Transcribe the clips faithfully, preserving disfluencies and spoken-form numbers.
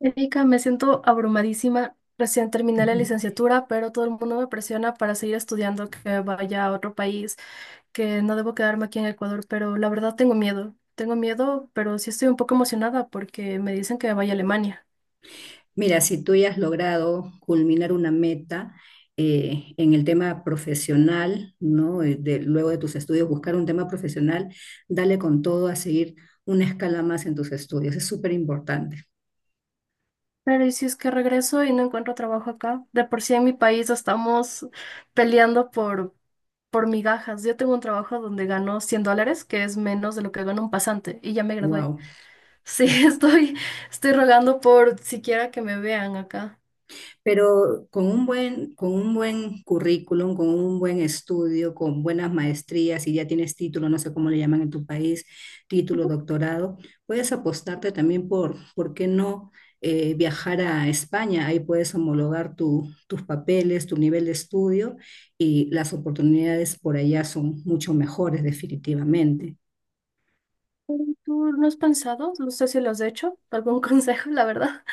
Erika, me siento abrumadísima. Recién terminé la licenciatura, pero todo el mundo me presiona para seguir estudiando, que vaya a otro país, que no debo quedarme aquí en Ecuador, pero la verdad tengo miedo. Tengo miedo, pero sí estoy un poco emocionada porque me dicen que vaya a Alemania. Mira, si tú ya has logrado culminar una meta eh, en el tema profesional, ¿no? Eh, de- luego de tus estudios, buscar un tema profesional, dale con todo a seguir una escala más en tus estudios. Es súper importante. Pero ¿y si es que regreso y no encuentro trabajo acá? De por sí en mi país estamos peleando por, por migajas. Yo tengo un trabajo donde gano cien dólares, que es menos de lo que gana un pasante, y ya me gradué. Wow. Sí, estoy, estoy rogando por siquiera que me vean acá. Pero con un buen, con un buen currículum, con un buen estudio, con buenas maestrías, si ya tienes título, no sé cómo le llaman en tu país, título, Ujú. doctorado, puedes apostarte también por, ¿por qué no? Eh, viajar a España, ahí puedes homologar tu- tus papeles, tu nivel de estudio y las oportunidades por allá son mucho mejores definitivamente. ¿Tú tú no has pensado? No sé si lo has hecho. ¿Algún consejo, la verdad?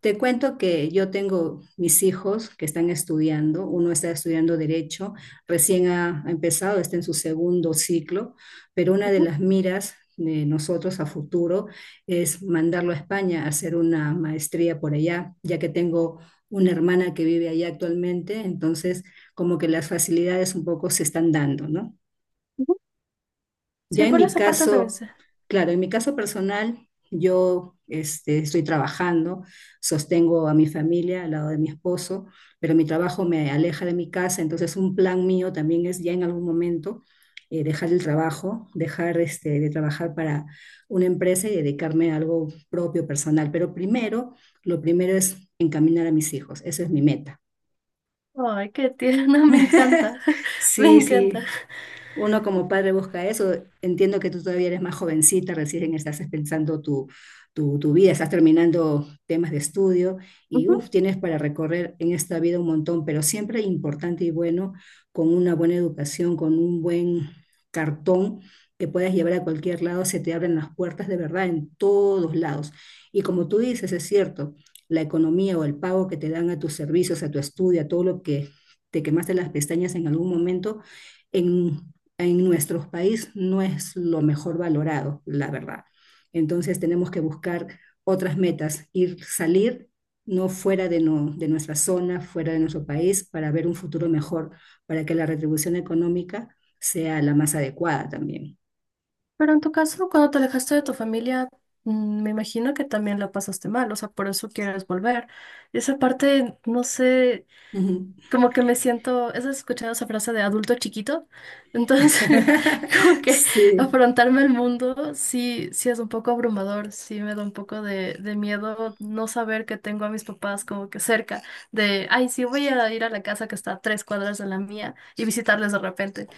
Te cuento que yo tengo mis hijos que están estudiando, uno está estudiando derecho, recién ha, ha empezado, está en su segundo ciclo, pero una de Ujú, las miras de nosotros a futuro es mandarlo a España a hacer una maestría por allá, ya que tengo una hermana que vive allá actualmente, entonces como que las facilidades un poco se están dando, ¿no? ujú. Ya Sí, en por mi esa parte también caso, sé. claro, en mi caso personal, yo este, estoy trabajando, sostengo a mi familia al lado de mi esposo, pero mi trabajo me aleja de mi casa, entonces un plan mío también es ya en algún momento eh, dejar el trabajo, dejar este, de trabajar para una empresa y dedicarme a algo propio, personal. Pero primero, lo primero es encaminar a mis hijos, esa es mi meta. Ay, qué tierna, me encanta. Me Sí, encanta. sí, uno como padre busca eso. Entiendo que tú todavía eres más jovencita, recién estás pensando tu, tu, tu vida, estás terminando temas de estudio y Ujú. uf, tienes para recorrer en esta vida un montón, pero siempre importante y bueno, con una buena educación, con un buen cartón que puedas llevar a cualquier lado, se te abren las puertas de verdad en todos lados. Y como tú dices, es cierto, la economía o el pago que te dan a tus servicios, a tu estudio, a todo lo que te quemaste las pestañas en algún momento, en en nuestro país no es lo mejor valorado, la verdad. Entonces tenemos que buscar otras metas, ir salir no fuera de, no, de nuestra zona, fuera de nuestro país, para ver un futuro mejor, para que la retribución económica sea la más adecuada también. Pero en tu caso, cuando te alejaste de tu familia, mm, me imagino que también la pasaste mal, o sea, por eso quieres volver. Esa parte, no sé, Ujú. como que me siento, ¿has escuchado esa frase de adulto chiquito? Entonces, como que Sí. afrontarme al mundo sí, sí es un poco abrumador, sí me da un poco de, de miedo no saber que tengo a mis papás como que cerca de, ay, sí voy a ir a la casa que está a tres cuadras de la mía y visitarles de repente.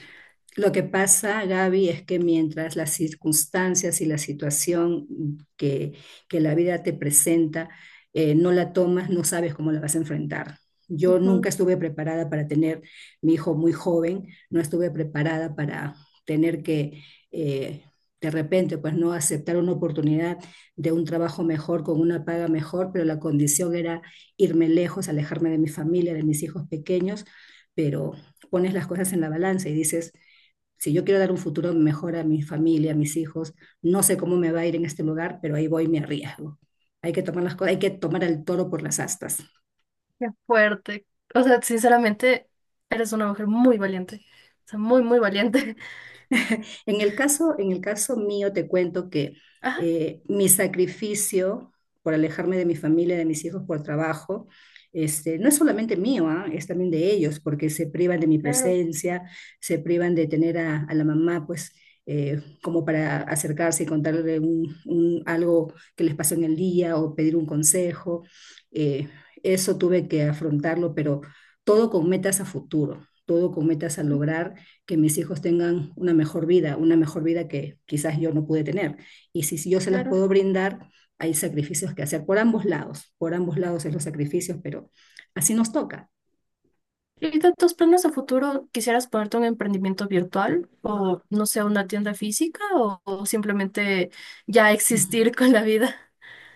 Lo que pasa, Gaby, es que mientras las circunstancias y la situación que, que la vida te presenta eh, no la tomas, no sabes cómo la vas a enfrentar. Yo nunca Ujú. estuve preparada para tener mi hijo muy joven, no estuve preparada para tener que eh, de repente, pues no aceptar una oportunidad de un trabajo mejor, con una paga mejor, pero la condición era irme lejos, alejarme de mi familia, de mis hijos pequeños, pero pones las cosas en la balanza y dices, si yo quiero dar un futuro mejor a mi familia, a mis hijos, no sé cómo me va a ir en este lugar, pero ahí voy y me arriesgo. Hay que tomar las cosas, hay que tomar el toro por las astas. Qué fuerte. O sea, sinceramente, eres una mujer muy valiente. O sea, muy, muy valiente. En el caso, en el caso mío, te cuento que Ajá, eh, mi sacrificio por alejarme de mi familia, de mis hijos por trabajo, este, no es solamente mío, ¿ah? Es también de ellos, porque se privan de mi claro, presencia, se privan de tener a, a la mamá, pues, eh, como para acercarse y contarle un- un- algo que les pasó en el día o pedir un consejo. Eh, Eso tuve que afrontarlo, pero todo con metas a futuro, todo con metas a lograr que mis hijos tengan una mejor vida, una mejor vida que quizás yo no pude tener. Y si, si yo se las claro. puedo brindar, hay sacrificios que hacer por ambos lados, por ambos lados es los sacrificios, pero así nos toca. ¿Y de tus planes a futuro quisieras ponerte un emprendimiento virtual o no sé, una tienda física o, o simplemente ya existir con la vida?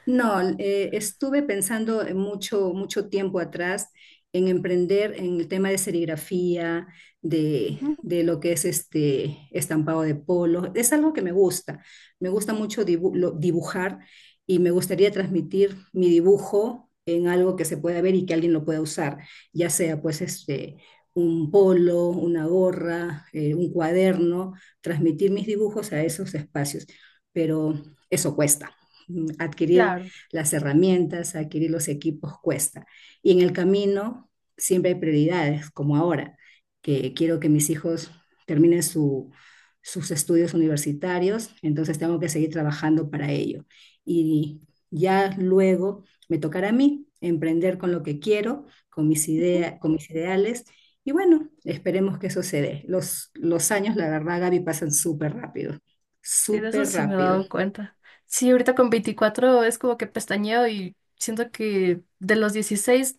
No, eh, estuve pensando en mucho, mucho tiempo atrás en emprender en el tema de serigrafía, de, Ujú, de lo que es este estampado de polo. Es algo que me gusta. Me gusta mucho dibu- lo- dibujar y me gustaría transmitir mi dibujo en algo que se pueda ver y que alguien lo pueda usar, ya sea pues este un polo, una gorra, eh, un cuaderno, transmitir mis dibujos a esos espacios. Pero eso cuesta mm, adquirir claro, las herramientas, adquirir los equipos cuesta. Y en el camino siempre hay prioridades, como ahora, que quiero que mis hijos terminen su, sus estudios universitarios, entonces tengo que seguir trabajando para ello. Y ya luego me tocará a mí emprender con lo que quiero, con mis, ujú. ideas con mis ideales. Y bueno, esperemos que eso se dé. Los, los años, la verdad, Gaby, pasan súper rápido, Sí, de eso súper sí me he rápido. dado cuenta. Sí, ahorita con veinticuatro es como que pestañeo y siento que de los dieciséis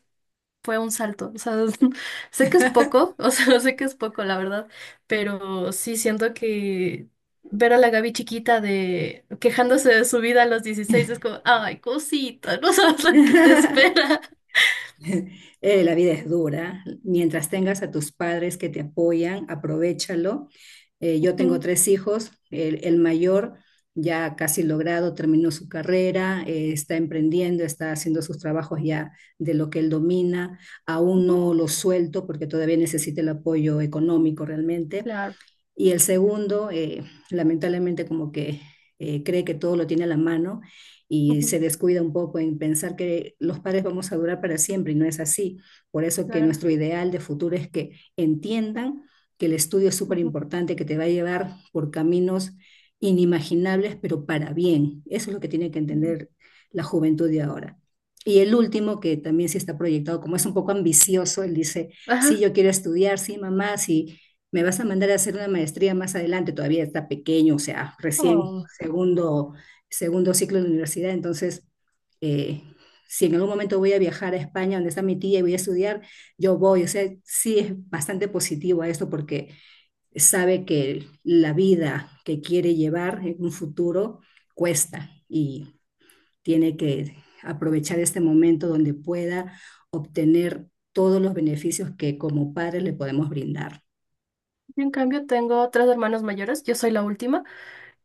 fue un salto. O sea, sé que es poco, o sea, sé que es poco, la verdad, pero sí siento que ver a la Gaby chiquita de quejándose de su vida a los dieciséis es como, ay, cosita, no sabes lo que te espera. Eh, la vida es dura. Mientras tengas a tus padres que te apoyan, aprovechalo. Eh, yo tengo Ujú, tres hijos. El, el mayor ya casi logrado, terminó su carrera, eh, está emprendiendo, está haciendo sus trabajos ya de lo que él domina. Aún ujú, no lo suelto porque todavía necesita el apoyo económico realmente. claro, Y el segundo, eh, lamentablemente, como que eh, cree que todo lo tiene a la mano y ujú, se descuida un poco en pensar que los padres vamos a durar para siempre y no es así. Por eso que claro. nuestro ideal de futuro es que entiendan que el estudio es súper Ujú, importante, que te va a llevar por caminos inimaginables, pero para bien. Eso es lo que tiene que ujú. entender la juventud de ahora. Y el último, que también sí está proyectado, como es un poco ambicioso, él dice, sí, Ajá. yo quiero estudiar, sí, mamá, sí, me vas a mandar a hacer una maestría más adelante, todavía está pequeño, o sea, recién Oh. segundo, segundo ciclo de la universidad, entonces, eh, si en algún momento voy a viajar a España, donde está mi tía, y voy a estudiar, yo voy, o sea, sí es bastante positivo a esto porque sabe que la vida que quiere llevar en un futuro cuesta y tiene que aprovechar este momento donde pueda obtener todos los beneficios que como padres le podemos brindar. Yo en cambio tengo tres hermanos mayores, yo soy la última.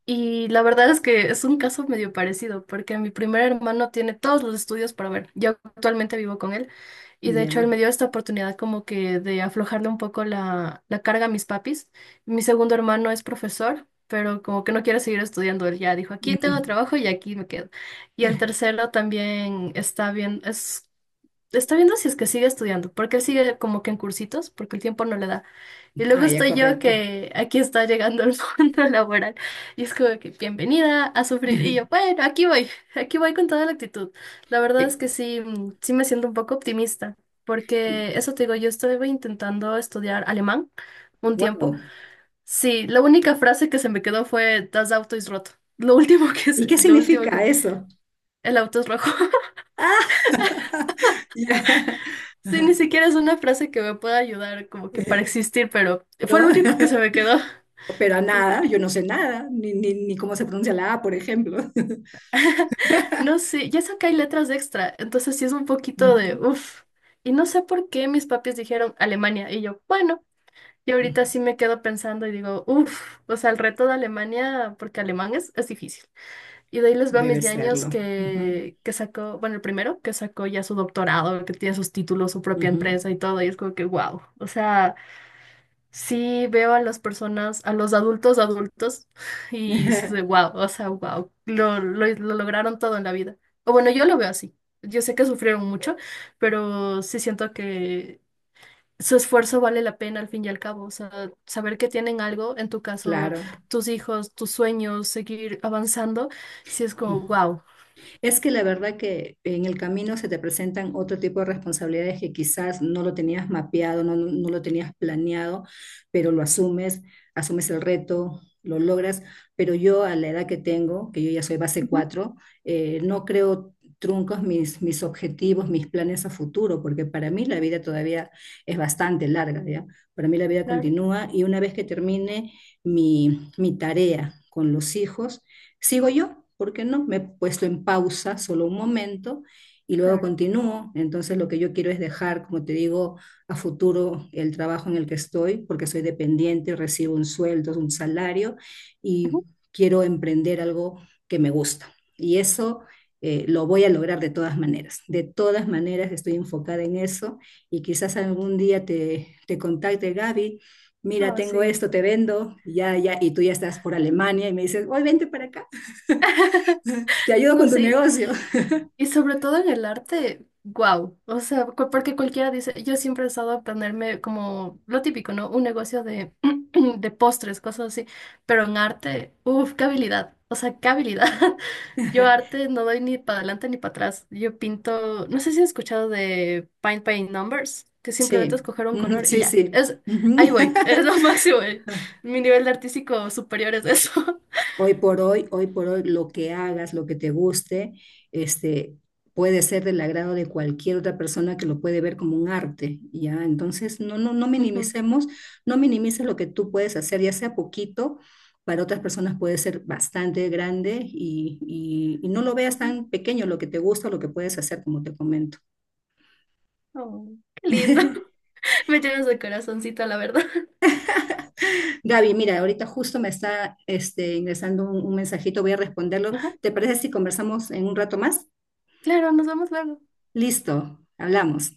Y la verdad es que es un caso medio parecido, porque mi primer hermano tiene todos los estudios para ver. Yo actualmente vivo con él y de hecho él Ya. me dio esta oportunidad como que de aflojarle un poco la, la carga a mis papis. Mi segundo hermano es profesor, pero como que no quiere seguir estudiando. Él ya dijo, aquí tengo Mm. trabajo y aquí me quedo. Y el tercero también está bien, es Está viendo si es que sigue estudiando, porque él sigue como que en cursitos, porque el tiempo no le da. Y luego Ah, ya, estoy yo correcto. que aquí está llegando al mundo laboral. Y es como que bienvenida a sufrir. Y yo, bueno, aquí voy, aquí voy con toda la actitud. La verdad es que sí, mm, sí me siento un poco optimista, porque eso te digo, yo estuve intentando estudiar alemán un tiempo. Wow. Sí, la única frase que se me quedó fue Das Auto ist rot. Lo último que ¿Y se, qué lo último significa que eso? el auto es rojo. Ah, ya. Sí, ni Ajá. siquiera es una frase que me pueda ayudar como que para Eh, existir, pero No, fue lo único que se me quedó. pero a nada, yo no sé nada, ni, ni, ni cómo se pronuncia la A, por ejemplo. No sé, ya sé que hay letras extra, entonces sí es un poquito de Ujú. uff. Y no sé por qué mis papis dijeron Alemania y yo, bueno, y ahorita sí me quedo pensando y digo, uff, o sea, el reto de Alemania, porque alemán es, es difícil. Y de ahí les veo a mis Debe ñaños serlo. Ujú, que, que sacó, bueno, el primero que sacó ya su doctorado, que tiene sus títulos, su propia ujú. empresa y todo, y es como que wow, o sea... Sí, veo a las personas, a los adultos adultos, y sí soy wow, o sea, wow, lo, lo, lo lograron todo en la vida. O bueno, yo lo veo así. Yo sé que sufrieron mucho, pero sí siento que su esfuerzo vale la pena al fin y al cabo. O sea, saber que tienen algo, en tu caso, Claro. tus hijos, tus sueños, seguir avanzando, sí es como wow. Es que la verdad que en el camino se te presentan otro tipo de responsabilidades que quizás no lo tenías mapeado, no, no- no lo tenías planeado, pero lo asumes, asumes el reto, lo logras. Pero yo a la edad que tengo, que yo ya soy base Ujú, cuatro, eh, no creo truncos mis, mis objetivos, mis planes a futuro, porque para mí la vida todavía es bastante larga, ¿ya? Para mí la vida claro, continúa y una vez que termine mi, mi tarea con los hijos, sigo yo, ¿por qué no? Me he puesto en pausa solo un momento y luego claro. continúo. Entonces lo que yo quiero es dejar, como te digo, a futuro el trabajo en el que estoy, porque soy dependiente, recibo un sueldo, un salario y Ujú. quiero emprender algo que me gusta. Y eso eh, lo voy a lograr de todas maneras. De todas maneras estoy enfocada en eso y quizás algún día te, te contacte Gaby. Mira, Ah, tengo sí. esto, te vendo, ya, ya, y tú ya estás por Alemania y me dices, hoy vente para acá. Te ayudo No con tu sé. negocio. Y sobre todo en el arte, wow. O sea, cu- porque cualquiera dice, yo siempre he estado a ponerme como lo típico, ¿no? Un negocio de, de postres, cosas así. Pero en arte, uff, qué habilidad. O sea, qué habilidad. Yo arte no doy ni para adelante ni para atrás. Yo pinto, no sé si has escuchado de Paint by Numbers, que simplemente es Sí, coger un ujú, color y sí, ya. sí. Es, ahí Ujú. voy, es lo máximo. eh. Mi nivel artístico superior es eso. Hoy por hoy, hoy por hoy, lo que hagas, lo que te guste, este, puede ser del agrado de cualquier otra persona que lo puede ver como un arte, ¿ya? Entonces, no, no, no Ujú, minimicemos, no minimices lo que tú puedes hacer, ya sea poquito, para otras personas puede ser bastante grande y, y y no lo veas ujú. tan pequeño lo que te gusta, lo que puedes hacer, como te comento. Oh, qué lindo. Me llenas de corazoncito, la verdad. Gaby, mira, ahorita justo me está este, ingresando un, un mensajito, voy a responderlo. Ajá, ¿Te parece si conversamos en un rato más? claro, nos vemos luego. Listo, hablamos.